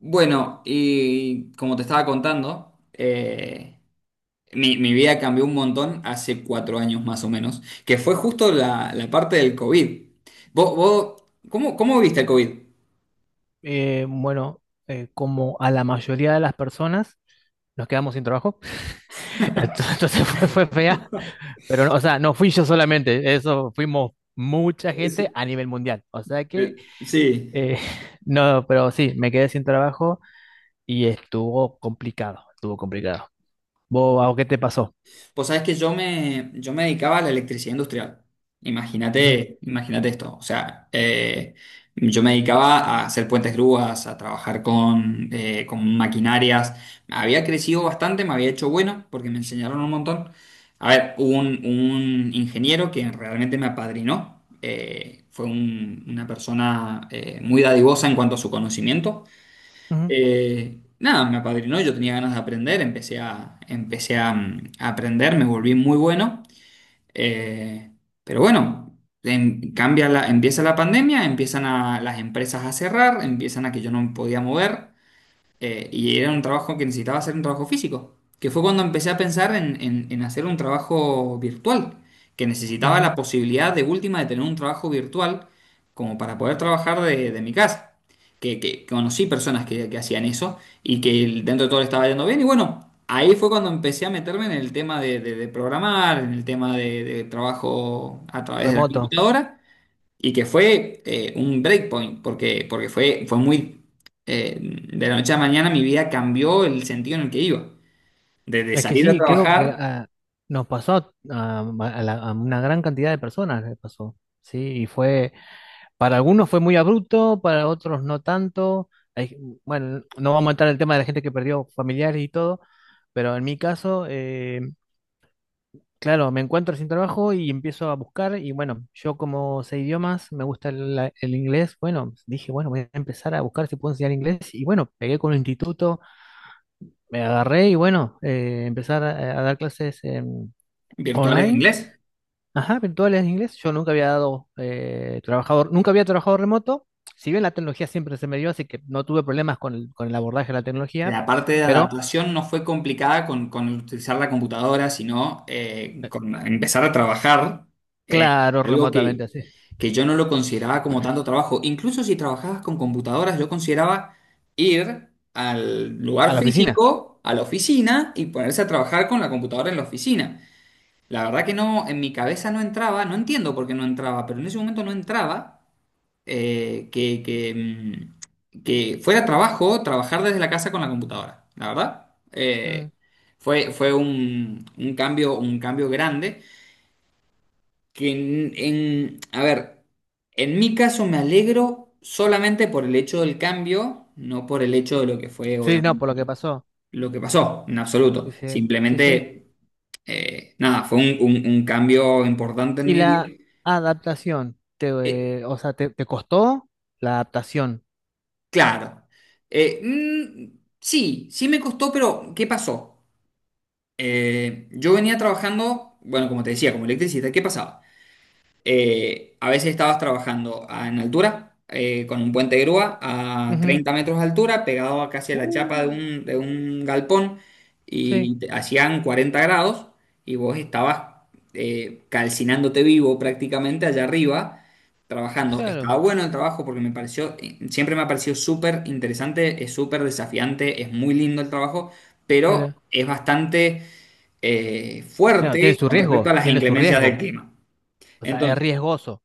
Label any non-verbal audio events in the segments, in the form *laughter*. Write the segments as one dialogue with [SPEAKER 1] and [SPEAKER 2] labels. [SPEAKER 1] Bueno, y como te estaba contando, mi vida cambió un montón hace cuatro años más o menos, que fue justo la parte del COVID. ¿Vos, vos- cómo viviste el COVID?
[SPEAKER 2] Eh, bueno, como a la mayoría de las personas, nos quedamos sin trabajo. *laughs* Entonces fue, fue fea. Pero, no, o sea, no fui yo solamente, eso fuimos mucha
[SPEAKER 1] Es-
[SPEAKER 2] gente a nivel mundial. O sea que,
[SPEAKER 1] Sí.
[SPEAKER 2] eh, *laughs* no, pero sí, me quedé sin trabajo y estuvo complicado, estuvo complicado. ¿Vos, Bao, qué te pasó?
[SPEAKER 1] Pues sabes que yo me dedicaba a la electricidad industrial.
[SPEAKER 2] Ujú,
[SPEAKER 1] Imagínate esto. O sea, yo me dedicaba a hacer puentes grúas, a trabajar con maquinarias. Había crecido bastante, me había hecho bueno porque me enseñaron un montón. A ver, hubo un ingeniero que realmente me apadrinó. Fue una persona muy dadivosa en cuanto a su conocimiento.
[SPEAKER 2] ujú,
[SPEAKER 1] Nada, me apadrinó, yo tenía ganas de aprender, empecé a aprender, me volví muy bueno. Eh, pero bueno, cambia la, empieza la pandemia, empiezan a, las empresas a cerrar, empiezan a que yo no me podía mover. Y era un trabajo que necesitaba hacer un trabajo físico, que fue cuando empecé a pensar en hacer un trabajo virtual, que necesitaba la
[SPEAKER 2] ujú,
[SPEAKER 1] posibilidad de última de tener un trabajo virtual como para poder trabajar de mi casa. Que conocí personas que hacían eso y que dentro de todo le estaba yendo bien. Y bueno, ahí fue cuando empecé a meterme en el tema de programar, en el tema de trabajo a través de la
[SPEAKER 2] remoto.
[SPEAKER 1] computadora y que fue un breakpoint, porque fue, fue muy... de la noche a la mañana mi vida cambió el sentido en el que iba. Desde
[SPEAKER 2] Es que
[SPEAKER 1] salir a
[SPEAKER 2] sí, creo que
[SPEAKER 1] trabajar
[SPEAKER 2] ah, nos pasó a una gran cantidad de personas, le pasó. Sí, y fue. Para algunos fue muy abrupto, para otros no tanto. Bueno, no vamos a entrar en el tema de la gente que perdió familiares y todo, pero en mi caso, claro, me encuentro sin trabajo y empiezo a buscar y bueno, yo como sé idiomas, me gusta el inglés, bueno, dije, bueno, voy a empezar a buscar si puedo enseñar inglés y bueno, pegué con un instituto, me agarré y bueno, empezar a dar clases
[SPEAKER 1] virtuales de
[SPEAKER 2] online.
[SPEAKER 1] inglés.
[SPEAKER 2] Ajá, virtuales en inglés. Yo nunca había dado nunca había trabajado remoto. Si bien la tecnología siempre se me dio, así que no tuve problemas con con el abordaje de la tecnología,
[SPEAKER 1] La parte de
[SPEAKER 2] pero
[SPEAKER 1] adaptación no fue complicada con utilizar la computadora, sino
[SPEAKER 2] eh,
[SPEAKER 1] con empezar a trabajar, eh,
[SPEAKER 2] claro,
[SPEAKER 1] algo
[SPEAKER 2] remotamente
[SPEAKER 1] que,
[SPEAKER 2] así.
[SPEAKER 1] que yo no lo consideraba como tanto trabajo. Incluso si trabajabas con computadoras, yo consideraba ir al
[SPEAKER 2] A
[SPEAKER 1] lugar
[SPEAKER 2] la oficina.
[SPEAKER 1] físico, a la oficina, y ponerse a trabajar con la computadora en la oficina. La verdad que no, en mi cabeza no entraba, no entiendo por qué no entraba, pero en ese momento no entraba que fuera trabajo trabajar desde la casa con la computadora, la verdad. Eh,
[SPEAKER 2] Mm,
[SPEAKER 1] fue fue un cambio grande que a ver, en mi caso me alegro solamente por el hecho del cambio, no por el hecho de lo que fue,
[SPEAKER 2] sí, no, por
[SPEAKER 1] obviamente,
[SPEAKER 2] lo que pasó.
[SPEAKER 1] lo que pasó, en absoluto.
[SPEAKER 2] Sí, sí, sí, sí.
[SPEAKER 1] Simplemente, nada, fue un cambio importante en
[SPEAKER 2] ¿Y
[SPEAKER 1] mi vida.
[SPEAKER 2] la adaptación?
[SPEAKER 1] Eh,
[SPEAKER 2] O sea, te costó la adaptación?
[SPEAKER 1] Claro. Sí, sí me costó, pero ¿qué pasó? Yo venía trabajando, bueno, como te decía, como electricista, ¿qué pasaba? A veces estabas trabajando en altura, con un puente de grúa a
[SPEAKER 2] Ujú.
[SPEAKER 1] 30 metros de altura, pegado a casi a la
[SPEAKER 2] Uh,
[SPEAKER 1] chapa de un galpón,
[SPEAKER 2] sí,
[SPEAKER 1] y hacían 40 grados, y vos estabas calcinándote vivo prácticamente allá arriba, trabajando. Estaba
[SPEAKER 2] claro.
[SPEAKER 1] bueno el trabajo porque me pareció, siempre me ha parecido súper interesante, es súper desafiante, es muy lindo el trabajo, pero
[SPEAKER 2] Mira.
[SPEAKER 1] es bastante
[SPEAKER 2] Claro, tiene
[SPEAKER 1] fuerte
[SPEAKER 2] su
[SPEAKER 1] con respecto a
[SPEAKER 2] riesgo,
[SPEAKER 1] las
[SPEAKER 2] tiene su
[SPEAKER 1] inclemencias del
[SPEAKER 2] riesgo.
[SPEAKER 1] clima.
[SPEAKER 2] O sea, es
[SPEAKER 1] Entonces,
[SPEAKER 2] riesgoso.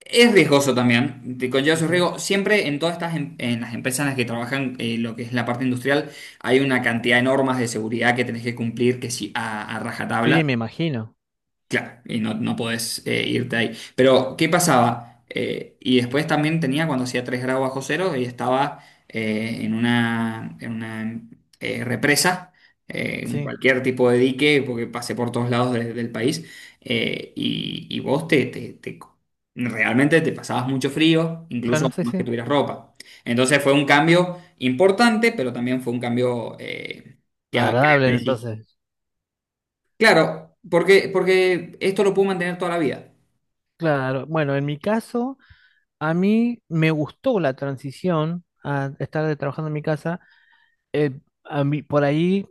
[SPEAKER 1] es riesgoso también, te conlleva
[SPEAKER 2] Sí,
[SPEAKER 1] su
[SPEAKER 2] sí.
[SPEAKER 1] riesgo. Siempre en todas estas las empresas en las que trabajan lo que es la parte industrial, hay una cantidad de normas de seguridad que tenés que cumplir que sí, a
[SPEAKER 2] Sí,
[SPEAKER 1] rajatabla.
[SPEAKER 2] me imagino.
[SPEAKER 1] Claro, y no, no podés irte ahí. Pero, ¿qué pasaba? Y después también tenía cuando hacía 3 grados bajo cero y estaba en una represa, en
[SPEAKER 2] Sí.
[SPEAKER 1] cualquier tipo de dique, porque pasé por todos lados del país, y vos te, te- te- realmente te pasabas mucho frío, incluso
[SPEAKER 2] Claro, sí,
[SPEAKER 1] más que
[SPEAKER 2] sí.
[SPEAKER 1] tuvieras ropa. Entonces fue un cambio importante, pero también fue un cambio que,
[SPEAKER 2] Agradable, entonces.
[SPEAKER 1] Claro, porque esto lo puedo mantener toda la vida.
[SPEAKER 2] Claro, bueno, en mi caso, a mí me gustó la transición a estar trabajando en mi casa. Eh, a mí, por ahí,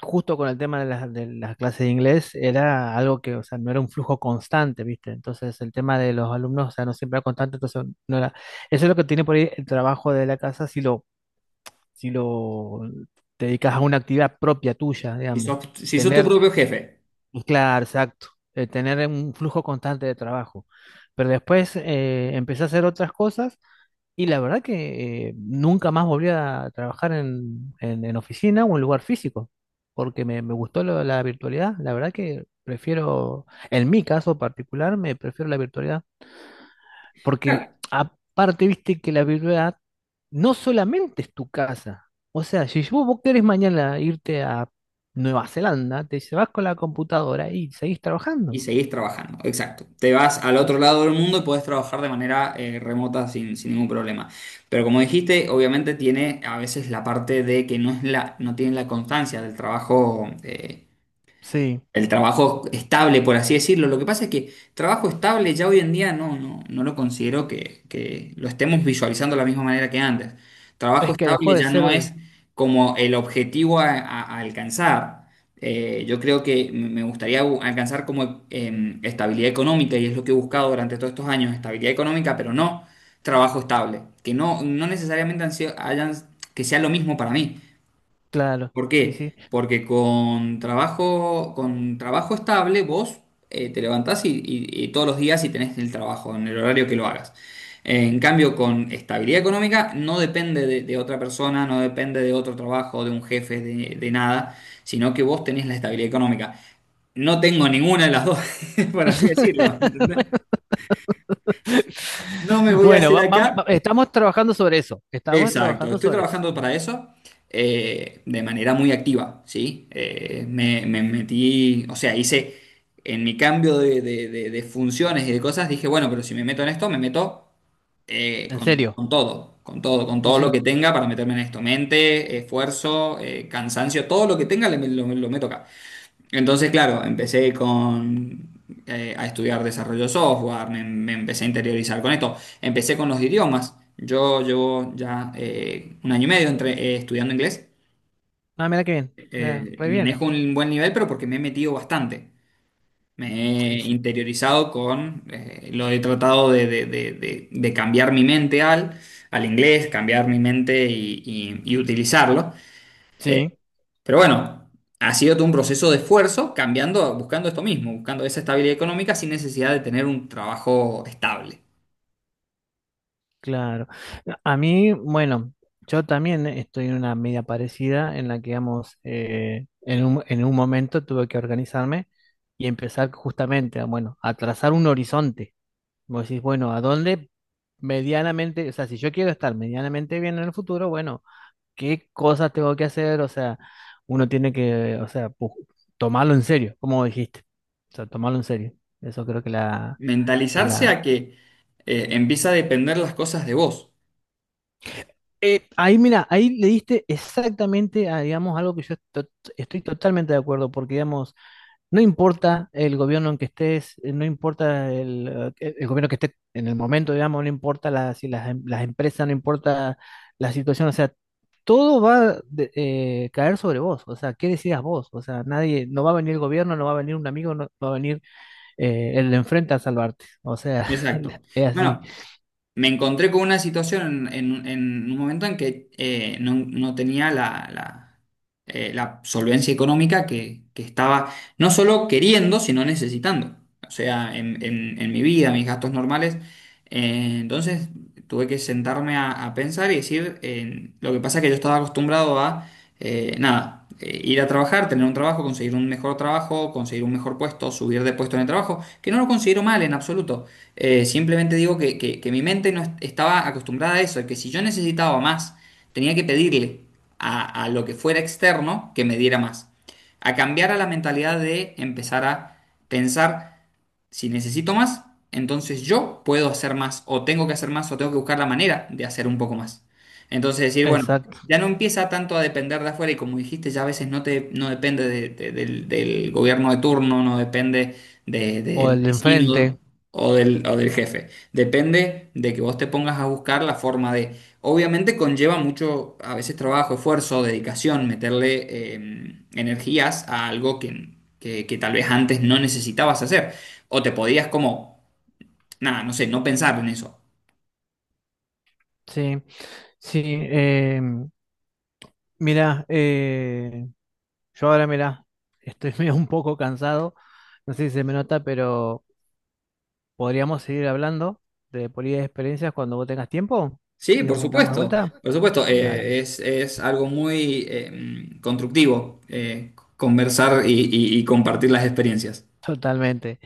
[SPEAKER 2] justo con el tema de las clases de inglés, era algo que, o sea, no era un flujo constante, ¿viste? Entonces, el tema de los alumnos, o sea, no siempre era constante, entonces no era. Eso es lo que tiene por ahí el trabajo de la casa si lo, te dedicas a una actividad propia tuya,
[SPEAKER 1] Si
[SPEAKER 2] digamos.
[SPEAKER 1] sos, si sos tu
[SPEAKER 2] Tener
[SPEAKER 1] propio jefe.
[SPEAKER 2] claro, exacto, tener un flujo constante de trabajo. Pero después empecé a hacer otras cosas y la verdad que nunca más volví a trabajar en oficina o en lugar físico, porque me gustó la virtualidad. La verdad que prefiero, en mi caso particular, me prefiero la virtualidad. Porque
[SPEAKER 1] Claro.
[SPEAKER 2] aparte, viste que la verdad no solamente es tu casa. O sea, si vos querés mañana irte a Nueva Zelanda, te dice, vas con la computadora y seguís
[SPEAKER 1] Y
[SPEAKER 2] trabajando.
[SPEAKER 1] seguís trabajando, exacto. Te vas al
[SPEAKER 2] Eh,
[SPEAKER 1] otro lado del mundo y podés trabajar de manera remota sin, sin ningún problema. Pero como dijiste, obviamente tiene a veces la parte de que no es la, no tiene la constancia del trabajo
[SPEAKER 2] Sí,
[SPEAKER 1] el trabajo estable, por así decirlo. Lo que pasa es que trabajo estable ya hoy en día no, no, no lo considero que lo estemos visualizando de la misma manera que antes. Trabajo
[SPEAKER 2] es que dejó
[SPEAKER 1] estable
[SPEAKER 2] de
[SPEAKER 1] ya no
[SPEAKER 2] ser,
[SPEAKER 1] es como el objetivo a alcanzar. Yo creo que me gustaría alcanzar como estabilidad económica y es lo que he buscado durante todos estos años, estabilidad económica, pero no trabajo estable, que no, no necesariamente han sido- hayan, que sea lo mismo para mí.
[SPEAKER 2] claro,
[SPEAKER 1] ¿Por
[SPEAKER 2] sí, sí.
[SPEAKER 1] qué? Porque con trabajo estable vos te levantás y todos los días y tenés el trabajo en el horario que lo hagas. En cambio, con estabilidad económica no depende de otra persona, no depende de otro trabajo, de un jefe, de nada, sino que vos tenés la estabilidad económica. No tengo ninguna de las dos, *laughs* por así decirlo, ¿entendés?
[SPEAKER 2] *laughs*
[SPEAKER 1] No me voy a
[SPEAKER 2] Bueno,
[SPEAKER 1] hacer acá.
[SPEAKER 2] estamos trabajando sobre eso, estamos
[SPEAKER 1] Exacto,
[SPEAKER 2] trabajando
[SPEAKER 1] estoy
[SPEAKER 2] sobre eso,
[SPEAKER 1] trabajando para eso de manera muy activa, ¿sí? Me metí, o sea, hice en mi cambio de funciones y de cosas, dije, bueno, pero si me meto en esto, me meto
[SPEAKER 2] en serio,
[SPEAKER 1] con todo, con todo, con
[SPEAKER 2] sí,
[SPEAKER 1] todo lo
[SPEAKER 2] sí.
[SPEAKER 1] que tenga para meterme en esto, mente, esfuerzo, cansancio, todo lo que tenga, lo meto acá. Entonces, claro, empecé a estudiar desarrollo de software, me empecé a interiorizar con esto, empecé con los idiomas. Yo llevo ya un año y medio entre, estudiando inglés.
[SPEAKER 2] Ah, mira qué bien, mira, re
[SPEAKER 1] Manejo
[SPEAKER 2] bien.
[SPEAKER 1] un buen nivel, pero porque me he metido bastante. Me
[SPEAKER 2] Y
[SPEAKER 1] he
[SPEAKER 2] sí,
[SPEAKER 1] interiorizado con, lo he tratado de cambiar mi mente al, al inglés, cambiar mi mente y utilizarlo. Eh,
[SPEAKER 2] sí.
[SPEAKER 1] pero bueno, ha sido todo un proceso de esfuerzo cambiando, buscando esto mismo, buscando esa estabilidad económica sin necesidad de tener un trabajo estable.
[SPEAKER 2] Claro. A mí, bueno, yo también estoy en una media parecida en la que, digamos, en en un momento tuve que organizarme y empezar justamente, a, bueno, a trazar un horizonte. Vos decís, bueno, ¿a dónde medianamente, o sea, si yo quiero estar medianamente bien en el futuro, bueno, ¿qué cosas tengo que hacer? O sea, uno tiene que tomarlo en serio, como dijiste. O sea, tomarlo en serio. Eso creo que la,
[SPEAKER 1] Mentalizarse a que empieza a depender las cosas de vos.
[SPEAKER 2] eh, ahí, mira, ahí le diste exactamente a, digamos, algo que estoy totalmente de acuerdo, porque, digamos, no importa el gobierno en que estés, no importa el gobierno que esté en el momento, digamos, no importa la- si las, em- las empresas, no importa la situación, o sea, todo va a caer sobre vos, o sea, ¿qué decidas vos? O sea, nadie, no va a venir el gobierno, no va a venir un amigo, no va a venir el de enfrente a salvarte, o sea,
[SPEAKER 1] Exacto.
[SPEAKER 2] *laughs* es así,
[SPEAKER 1] Bueno, me encontré con una situación en un momento en que no, no tenía la la solvencia económica que estaba no solo queriendo, sino necesitando. O sea, en mi vida, mis gastos normales. Entonces tuve que sentarme a pensar y decir, lo que pasa es que yo estaba acostumbrado a, nada, ir a trabajar, tener un trabajo, conseguir un mejor trabajo, conseguir un mejor puesto, subir de puesto en el trabajo, que no lo considero mal en absoluto. Simplemente digo que, que mi mente no est- estaba acostumbrada a eso, que si yo necesitaba más, tenía que pedirle a lo que fuera externo que me diera más. A cambiar a la mentalidad de empezar a pensar. Si necesito más, entonces yo puedo hacer más, o tengo que hacer más, o tengo que buscar la manera de hacer un poco más. Entonces decir, bueno,
[SPEAKER 2] exacto,
[SPEAKER 1] ya no empieza tanto a depender de afuera, y como dijiste, ya a veces no te, no depende del gobierno de turno, no depende
[SPEAKER 2] o
[SPEAKER 1] del
[SPEAKER 2] el de
[SPEAKER 1] vecino
[SPEAKER 2] enfrente,
[SPEAKER 1] o del jefe. Depende de que vos te pongas a buscar la forma de... Obviamente conlleva mucho, a veces trabajo, esfuerzo, dedicación, meterle energías a algo que, que tal vez antes no necesitabas hacer. O te podías como, nada, no sé, no pensar en eso.
[SPEAKER 2] sí. Sí, mirá, eh, yo ahora mirá, estoy *laughs* medio un poco cansado, no sé si se me nota, pero podríamos seguir hablando de política de experiencias cuando vos tengas tiempo
[SPEAKER 1] Sí,
[SPEAKER 2] y nos
[SPEAKER 1] por
[SPEAKER 2] juntamos de
[SPEAKER 1] supuesto,
[SPEAKER 2] vuelta.
[SPEAKER 1] por supuesto.
[SPEAKER 2] Dale,
[SPEAKER 1] Es algo muy constructivo conversar y y compartir las experiencias.
[SPEAKER 2] totalmente.